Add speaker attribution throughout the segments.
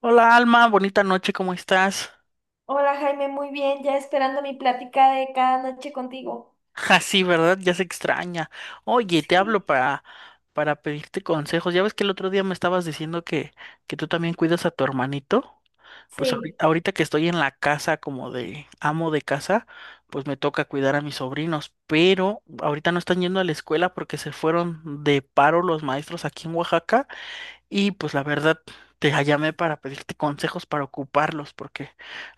Speaker 1: Hola Alma, bonita noche, ¿cómo estás?
Speaker 2: Hola Jaime, muy bien, ya esperando mi plática de cada noche contigo.
Speaker 1: Ja sí, ¿verdad? Ya se extraña. Oye, te
Speaker 2: Sí.
Speaker 1: hablo para pedirte consejos. Ya ves que el otro día me estabas diciendo que tú también cuidas a tu hermanito. Pues
Speaker 2: Sí.
Speaker 1: ahorita que estoy en la casa como de amo de casa, pues me toca cuidar a mis sobrinos, pero ahorita no están yendo a la escuela porque se fueron de paro los maestros aquí en Oaxaca. Y pues la verdad, te llamé para pedirte consejos para ocuparlos, porque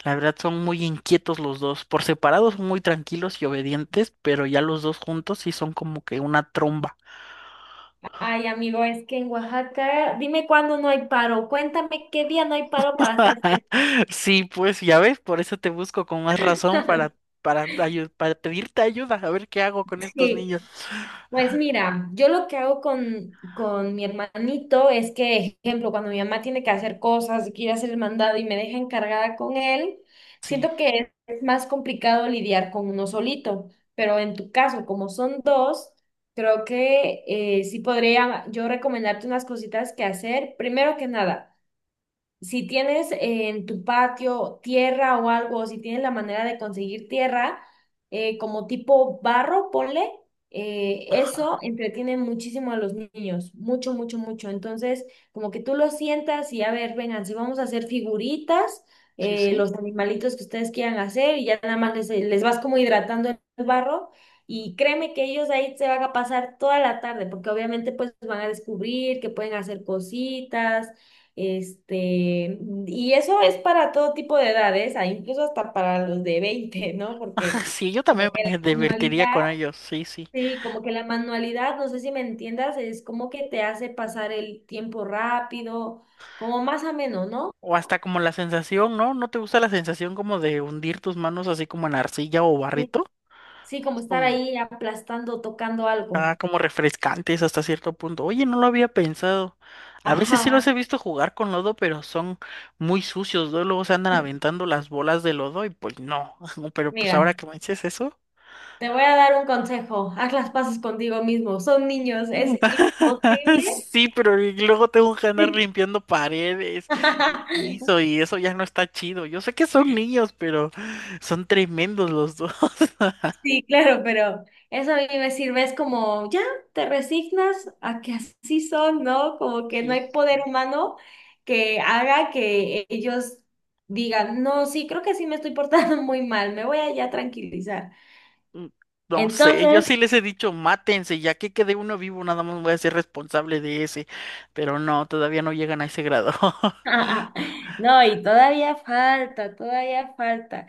Speaker 1: la verdad son muy inquietos los dos. Por separados son muy tranquilos y obedientes, pero ya los dos juntos sí son como que una tromba.
Speaker 2: Ay, amigo, es que en Oaxaca, dime cuándo no hay paro. Cuéntame qué día no hay paro para hacer fiesta.
Speaker 1: Sí, pues ya ves, por eso te busco con más razón para, para, ayu- para pedirte ayuda, a ver qué hago con estos
Speaker 2: Sí.
Speaker 1: niños.
Speaker 2: Pues mira, yo lo que hago con mi hermanito es que, ejemplo, cuando mi mamá tiene que hacer cosas, que ir a hacer el mandado y me deja encargada con él,
Speaker 1: Sí,
Speaker 2: siento que es más complicado lidiar con uno solito, pero en tu caso, como son dos, creo que sí podría yo recomendarte unas cositas que hacer. Primero que nada, si tienes en tu patio tierra o algo, o si tienes la manera de conseguir tierra, como tipo barro, ponle, eso
Speaker 1: ajá,
Speaker 2: entretiene muchísimo a los niños, mucho, mucho, mucho. Entonces, como que tú los sientas y a ver, vengan, si vamos a hacer figuritas,
Speaker 1: sí, sí.
Speaker 2: los animalitos que ustedes quieran hacer, y ya nada más les vas como hidratando el barro. Y créeme que ellos ahí se van a pasar toda la tarde, porque obviamente pues van a descubrir que pueden hacer cositas, este, y eso es para todo tipo de edades, ah, incluso hasta para los de veinte, ¿no? Porque
Speaker 1: Sí, yo también
Speaker 2: como que
Speaker 1: me
Speaker 2: la
Speaker 1: divertiría
Speaker 2: manualidad,
Speaker 1: con ellos, sí, sí.
Speaker 2: sí, como que la manualidad, no sé si me entiendas, es como que te hace pasar el tiempo rápido, como más ameno, ¿no?
Speaker 1: O hasta como la sensación, ¿no? ¿No te gusta la sensación como de hundir tus manos así como en arcilla o
Speaker 2: Sí.
Speaker 1: barrito?
Speaker 2: Sí, como
Speaker 1: Es
Speaker 2: estar
Speaker 1: Como,
Speaker 2: ahí aplastando, tocando algo.
Speaker 1: ah, como refrescantes hasta cierto punto. Oye, no lo había pensado. A veces sí los he
Speaker 2: Ajá.
Speaker 1: visto jugar con lodo, pero son muy sucios, ¿no? Luego se andan aventando las bolas de lodo y pues no. Pero pues ahora
Speaker 2: Mira,
Speaker 1: que me dices eso.
Speaker 2: te voy a dar un consejo. Haz las paces contigo mismo. Son niños, es imposible.
Speaker 1: Sí, pero y luego tengo que andar
Speaker 2: Sí.
Speaker 1: limpiando paredes y piso y eso ya no está chido. Yo sé que son niños, pero son tremendos los dos.
Speaker 2: Sí, claro, pero eso a mí me sirve, es como, ya, te resignas a que así son, ¿no? Como que no hay poder humano que haga que ellos digan, no, sí, creo que sí me estoy portando muy mal, me voy a ya tranquilizar.
Speaker 1: Mm, No sé, yo
Speaker 2: Entonces,
Speaker 1: sí les he dicho, mátense, ya que quede uno vivo, nada más voy a ser responsable de ese. Pero no, todavía no llegan a ese grado.
Speaker 2: no, y todavía falta, todavía falta.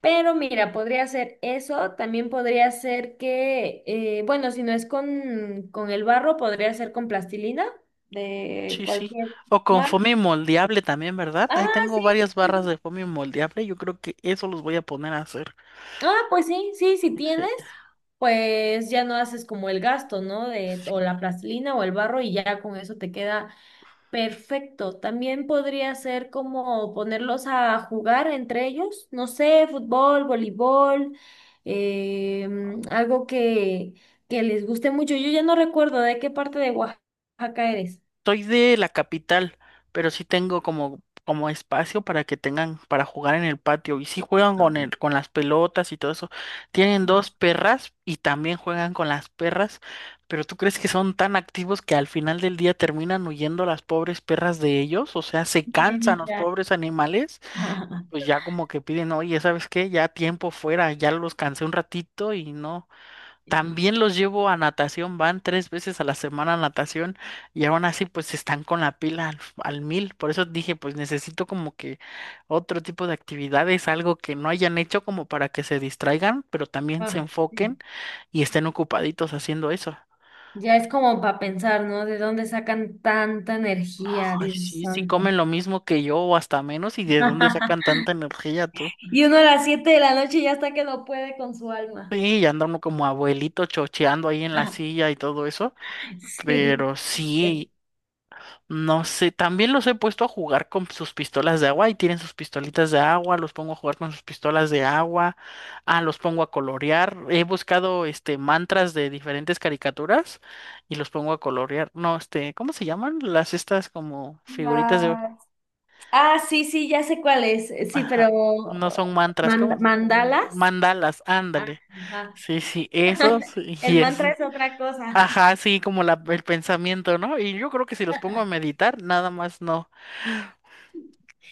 Speaker 2: Pero mira, podría ser eso, también podría ser que, bueno, si no es con el barro, podría ser con plastilina de
Speaker 1: Sí, sí.
Speaker 2: cualquier...
Speaker 1: O con foamy moldeable también, ¿verdad? Ahí
Speaker 2: Ah,
Speaker 1: tengo
Speaker 2: sí.
Speaker 1: varias
Speaker 2: Sí,
Speaker 1: barras
Speaker 2: sí, sí.
Speaker 1: de foamy moldeable, yo creo que eso los voy a poner a hacer.
Speaker 2: Ah, pues sí, sí, si tienes, pues ya no haces como el gasto, ¿no? De o
Speaker 1: Sí.
Speaker 2: la plastilina o el barro y ya con eso te queda perfecto. También podría ser como ponerlos a jugar entre ellos, no sé, fútbol, voleibol, eh, algo que les guste mucho. Yo ya no recuerdo de qué parte de Oaxaca eres.
Speaker 1: Soy de la capital, pero sí tengo como espacio para que tengan para jugar en el patio. Y sí juegan
Speaker 2: Ah,
Speaker 1: con las pelotas y todo eso. Tienen dos
Speaker 2: ah,
Speaker 1: perras y también juegan con las perras. Pero ¿tú crees que son tan activos que al final del día terminan huyendo las pobres perras de ellos? O sea, se
Speaker 2: no, de
Speaker 1: cansan los
Speaker 2: Mérida.
Speaker 1: pobres animales y pues ya como que piden, oye, ¿sabes qué? Ya tiempo fuera, ya los cansé un ratito y no. También los llevo a natación, van tres veces a la semana a natación y aún así pues están con la pila al mil. Por eso dije pues necesito como que otro tipo de actividades, algo que no hayan hecho como para que se distraigan, pero también se
Speaker 2: Ah, sí.
Speaker 1: enfoquen y estén ocupaditos haciendo eso.
Speaker 2: Ya es como para pensar, ¿no? ¿De dónde sacan tanta energía,
Speaker 1: Ay,
Speaker 2: Dios
Speaker 1: sí, sí
Speaker 2: santo?
Speaker 1: comen lo mismo que yo o hasta menos y de dónde sacan tanta energía tú.
Speaker 2: Y uno a las 7 de la noche ya está que no puede con su alma.
Speaker 1: Sí, y anda uno como abuelito chocheando ahí en la silla y todo eso.
Speaker 2: Sí.
Speaker 1: Pero sí. No sé, también los he puesto a jugar con sus pistolas de agua y tienen sus pistolitas de agua, los pongo a jugar con sus pistolas de agua, los pongo a colorear, he buscado mantras de diferentes caricaturas y los pongo a colorear. No, ¿cómo se llaman? Las estas como figuritas de,
Speaker 2: La- Ah, sí, sí, ya sé cuál es. Sí, pero
Speaker 1: ajá, no son mantras, ¿cómo?
Speaker 2: mandalas.
Speaker 1: Mandalas,
Speaker 2: Ah.
Speaker 1: ándale.
Speaker 2: Ajá.
Speaker 1: Sí, sí, esos
Speaker 2: El
Speaker 1: y
Speaker 2: mantra
Speaker 1: eso.
Speaker 2: es otra cosa.
Speaker 1: Ajá, sí, como el pensamiento, ¿no? Y yo creo que si los pongo a meditar, nada más no.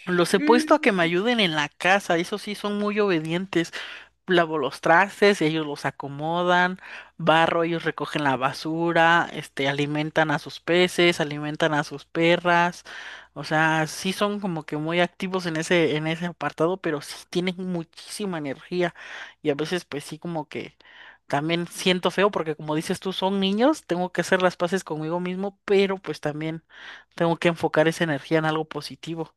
Speaker 1: Los he puesto a que me
Speaker 2: Mm.
Speaker 1: ayuden en la casa, eso sí son muy obedientes. Lavo los trastes, ellos los acomodan, barro, ellos recogen la basura, alimentan a sus peces, alimentan a sus perras. O sea, sí son como que muy activos en ese apartado, pero sí tienen muchísima energía. Y a veces, pues sí, como que también siento feo, porque como dices tú, son niños, tengo que hacer las paces conmigo mismo, pero pues también tengo que enfocar esa energía en algo positivo.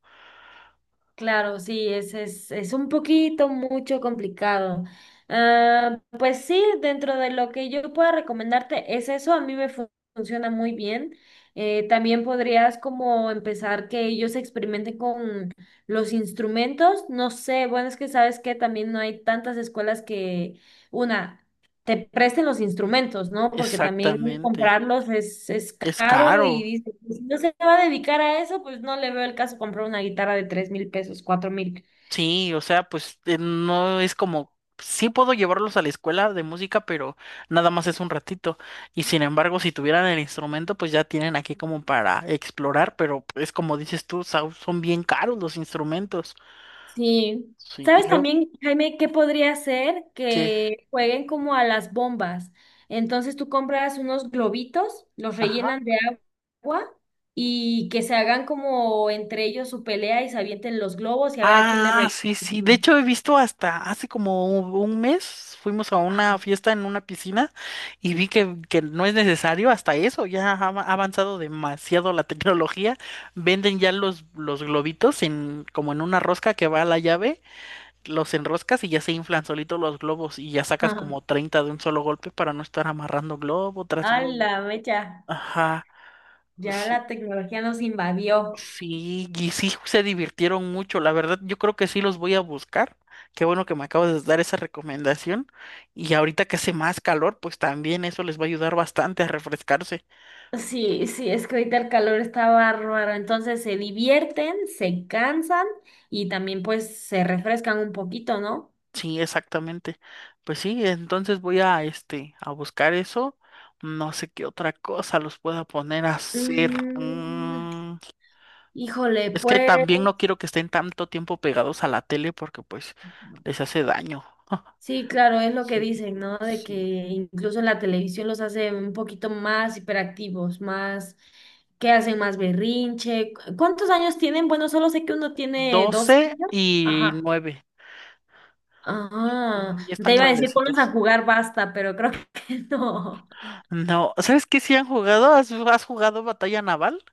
Speaker 2: Claro, sí, es un poquito mucho complicado. Ah, pues sí, dentro de lo que yo pueda recomendarte es eso, a mí me funciona muy bien. También podrías como empezar que ellos experimenten con los instrumentos. No sé, bueno, es que sabes que también no hay tantas escuelas que una te presten los instrumentos, ¿no? Porque también
Speaker 1: Exactamente.
Speaker 2: comprarlos es
Speaker 1: Es
Speaker 2: caro y
Speaker 1: caro.
Speaker 2: dice: "Pues, si no se va a dedicar a eso, pues no le veo el caso comprar una guitarra de 3000 pesos, 4000".
Speaker 1: Sí, o sea, pues no es como, sí puedo llevarlos a la escuela de música, pero nada más es un ratito. Y sin embargo, si tuvieran el instrumento, pues ya tienen aquí como para explorar, pero es como dices tú, Sau, son bien caros los instrumentos.
Speaker 2: Sí.
Speaker 1: Sí, y
Speaker 2: ¿Sabes
Speaker 1: luego
Speaker 2: también, Jaime, qué podría ser
Speaker 1: que,
Speaker 2: que jueguen como a las bombas? Entonces tú compras unos globitos, los
Speaker 1: ajá.
Speaker 2: rellenan de agua y que se hagan como entre ellos su pelea y se avienten los globos y a ver a quién le
Speaker 1: Ah, sí, sí. De
Speaker 2: rellena.
Speaker 1: hecho, he visto hasta hace como un mes fuimos a una
Speaker 2: Ajá.
Speaker 1: fiesta en una piscina y vi que no es necesario hasta eso. Ya ha avanzado demasiado la tecnología. Venden ya los globitos como en una rosca que va a la llave, los enroscas y ya se inflan solitos los globos y ya sacas
Speaker 2: Ajá.
Speaker 1: como 30 de un solo golpe para no estar amarrando globo tras
Speaker 2: A
Speaker 1: globo.
Speaker 2: la mecha.
Speaker 1: Ajá.
Speaker 2: Ya
Speaker 1: Sí.
Speaker 2: la tecnología nos invadió.
Speaker 1: Sí, y sí se divirtieron mucho. La verdad, yo creo que sí los voy a buscar. Qué bueno que me acabas de dar esa recomendación. Y ahorita que hace más calor, pues también eso les va a ayudar bastante a refrescarse.
Speaker 2: Sí, sí, es que ahorita el calor está bárbaro, entonces se divierten, se cansan y también pues se refrescan un poquito, ¿no?
Speaker 1: Sí, exactamente. Pues sí, entonces voy a buscar eso. No sé qué otra cosa los pueda poner a hacer.
Speaker 2: Mm, híjole,
Speaker 1: Es que
Speaker 2: pues
Speaker 1: también no quiero que estén tanto tiempo pegados a la tele porque pues les hace daño.
Speaker 2: sí, claro, es lo que
Speaker 1: Sí,
Speaker 2: dicen, ¿no? De que
Speaker 1: sí.
Speaker 2: incluso en la televisión los hace un poquito más hiperactivos, más, que hacen más berrinche. ¿Cuántos años tienen? Bueno, solo sé que uno tiene 12
Speaker 1: 12
Speaker 2: años.
Speaker 1: y
Speaker 2: Ajá.
Speaker 1: 9.
Speaker 2: Ah,
Speaker 1: Ya están
Speaker 2: te iba a decir, pones a
Speaker 1: grandecitos.
Speaker 2: jugar basta, pero creo que no.
Speaker 1: No, ¿sabes qué? Si han jugado, ¿has jugado Batalla Naval?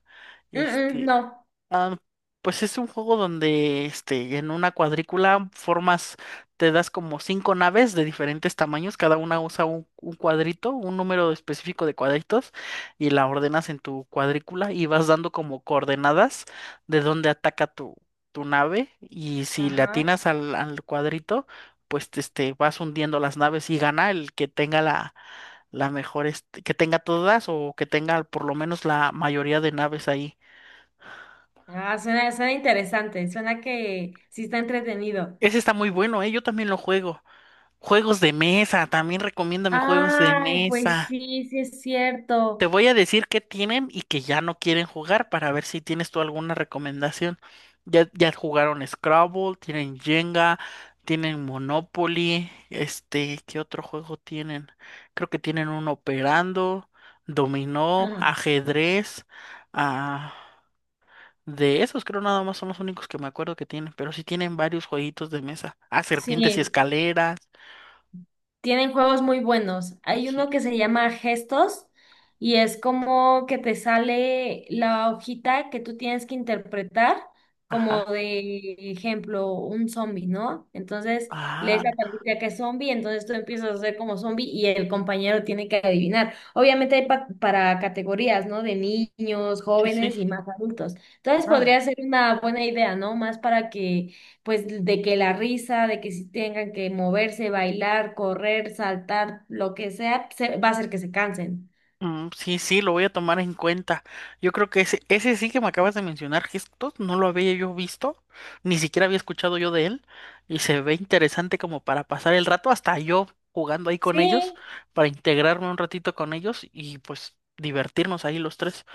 Speaker 2: Mm, mm,
Speaker 1: Este,
Speaker 2: no.
Speaker 1: Ah, pues es un juego donde en una cuadrícula formas, te das como cinco naves de diferentes tamaños, cada una usa un cuadrito, un número específico de cuadritos, y la ordenas en tu cuadrícula y vas dando como coordenadas de dónde ataca tu nave, y si le
Speaker 2: Ajá.
Speaker 1: atinas al cuadrito, pues vas hundiendo las naves y gana el que tenga la mejor, que tenga todas o que tenga por lo menos la mayoría de naves ahí.
Speaker 2: Ah, suena, suena interesante, suena que sí está entretenido.
Speaker 1: Ese está muy bueno, ¿eh? Yo también lo juego. Juegos de mesa, también recomiéndame juegos de
Speaker 2: Ay, pues
Speaker 1: mesa.
Speaker 2: sí, sí es
Speaker 1: Te
Speaker 2: cierto.
Speaker 1: voy a decir qué tienen y que ya no quieren jugar para ver si tienes tú alguna recomendación. Ya, ya jugaron Scrabble, tienen Jenga, tienen Monopoly, ¿qué otro juego tienen? Creo que tienen un Operando, Dominó,
Speaker 2: Ajá.
Speaker 1: Ajedrez. Ah, de esos creo nada más son los únicos que me acuerdo que tienen, pero sí tienen varios jueguitos de mesa. Ah, Serpientes y
Speaker 2: Sí.
Speaker 1: Escaleras.
Speaker 2: Tienen juegos muy buenos. Hay uno
Speaker 1: Sí.
Speaker 2: que se llama Gestos y es como que te sale la hojita que tú tienes que interpretar
Speaker 1: Ajá.
Speaker 2: como de ejemplo un zombie, ¿no? Entonces
Speaker 1: Ah,
Speaker 2: lees la pantalla que es zombie, entonces tú empiezas a ser como zombie y el compañero tiene que adivinar. Obviamente hay para categorías, ¿no? De niños,
Speaker 1: sí, sí.
Speaker 2: jóvenes y más adultos. Entonces
Speaker 1: Vale.
Speaker 2: podría ser una buena idea, ¿no? Más para que pues de que la risa, de que si tengan que moverse, bailar, correr, saltar, lo que sea, va a hacer que se cansen.
Speaker 1: Mm, sí, sí, lo voy a tomar en cuenta. Yo creo que ese sí que me acabas de mencionar, gestos, no lo había yo visto, ni siquiera había escuchado yo de él, y se ve interesante como para pasar el rato, hasta yo jugando ahí con ellos,
Speaker 2: Sí,
Speaker 1: para integrarme un ratito con ellos y pues divertirnos ahí los tres.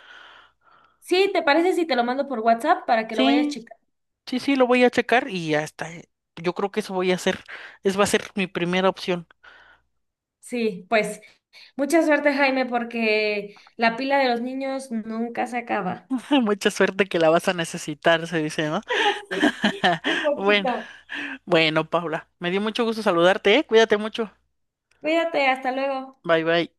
Speaker 2: sí, ¿te parece si te lo mando por WhatsApp para que lo vayas
Speaker 1: Sí,
Speaker 2: checando?
Speaker 1: sí, sí, lo voy a checar y ya está. Yo creo que eso voy a hacer. Es va a ser mi primera opción.
Speaker 2: Sí, pues mucha suerte, Jaime, porque la pila de los niños nunca se acaba.
Speaker 1: Mucha suerte que la vas a necesitar, se dice, ¿no?
Speaker 2: Sí, un
Speaker 1: Bueno,
Speaker 2: poquito.
Speaker 1: bueno, Paula, me dio mucho gusto saludarte, ¿eh? Cuídate mucho.
Speaker 2: Cuídate, hasta luego.
Speaker 1: Bye, bye.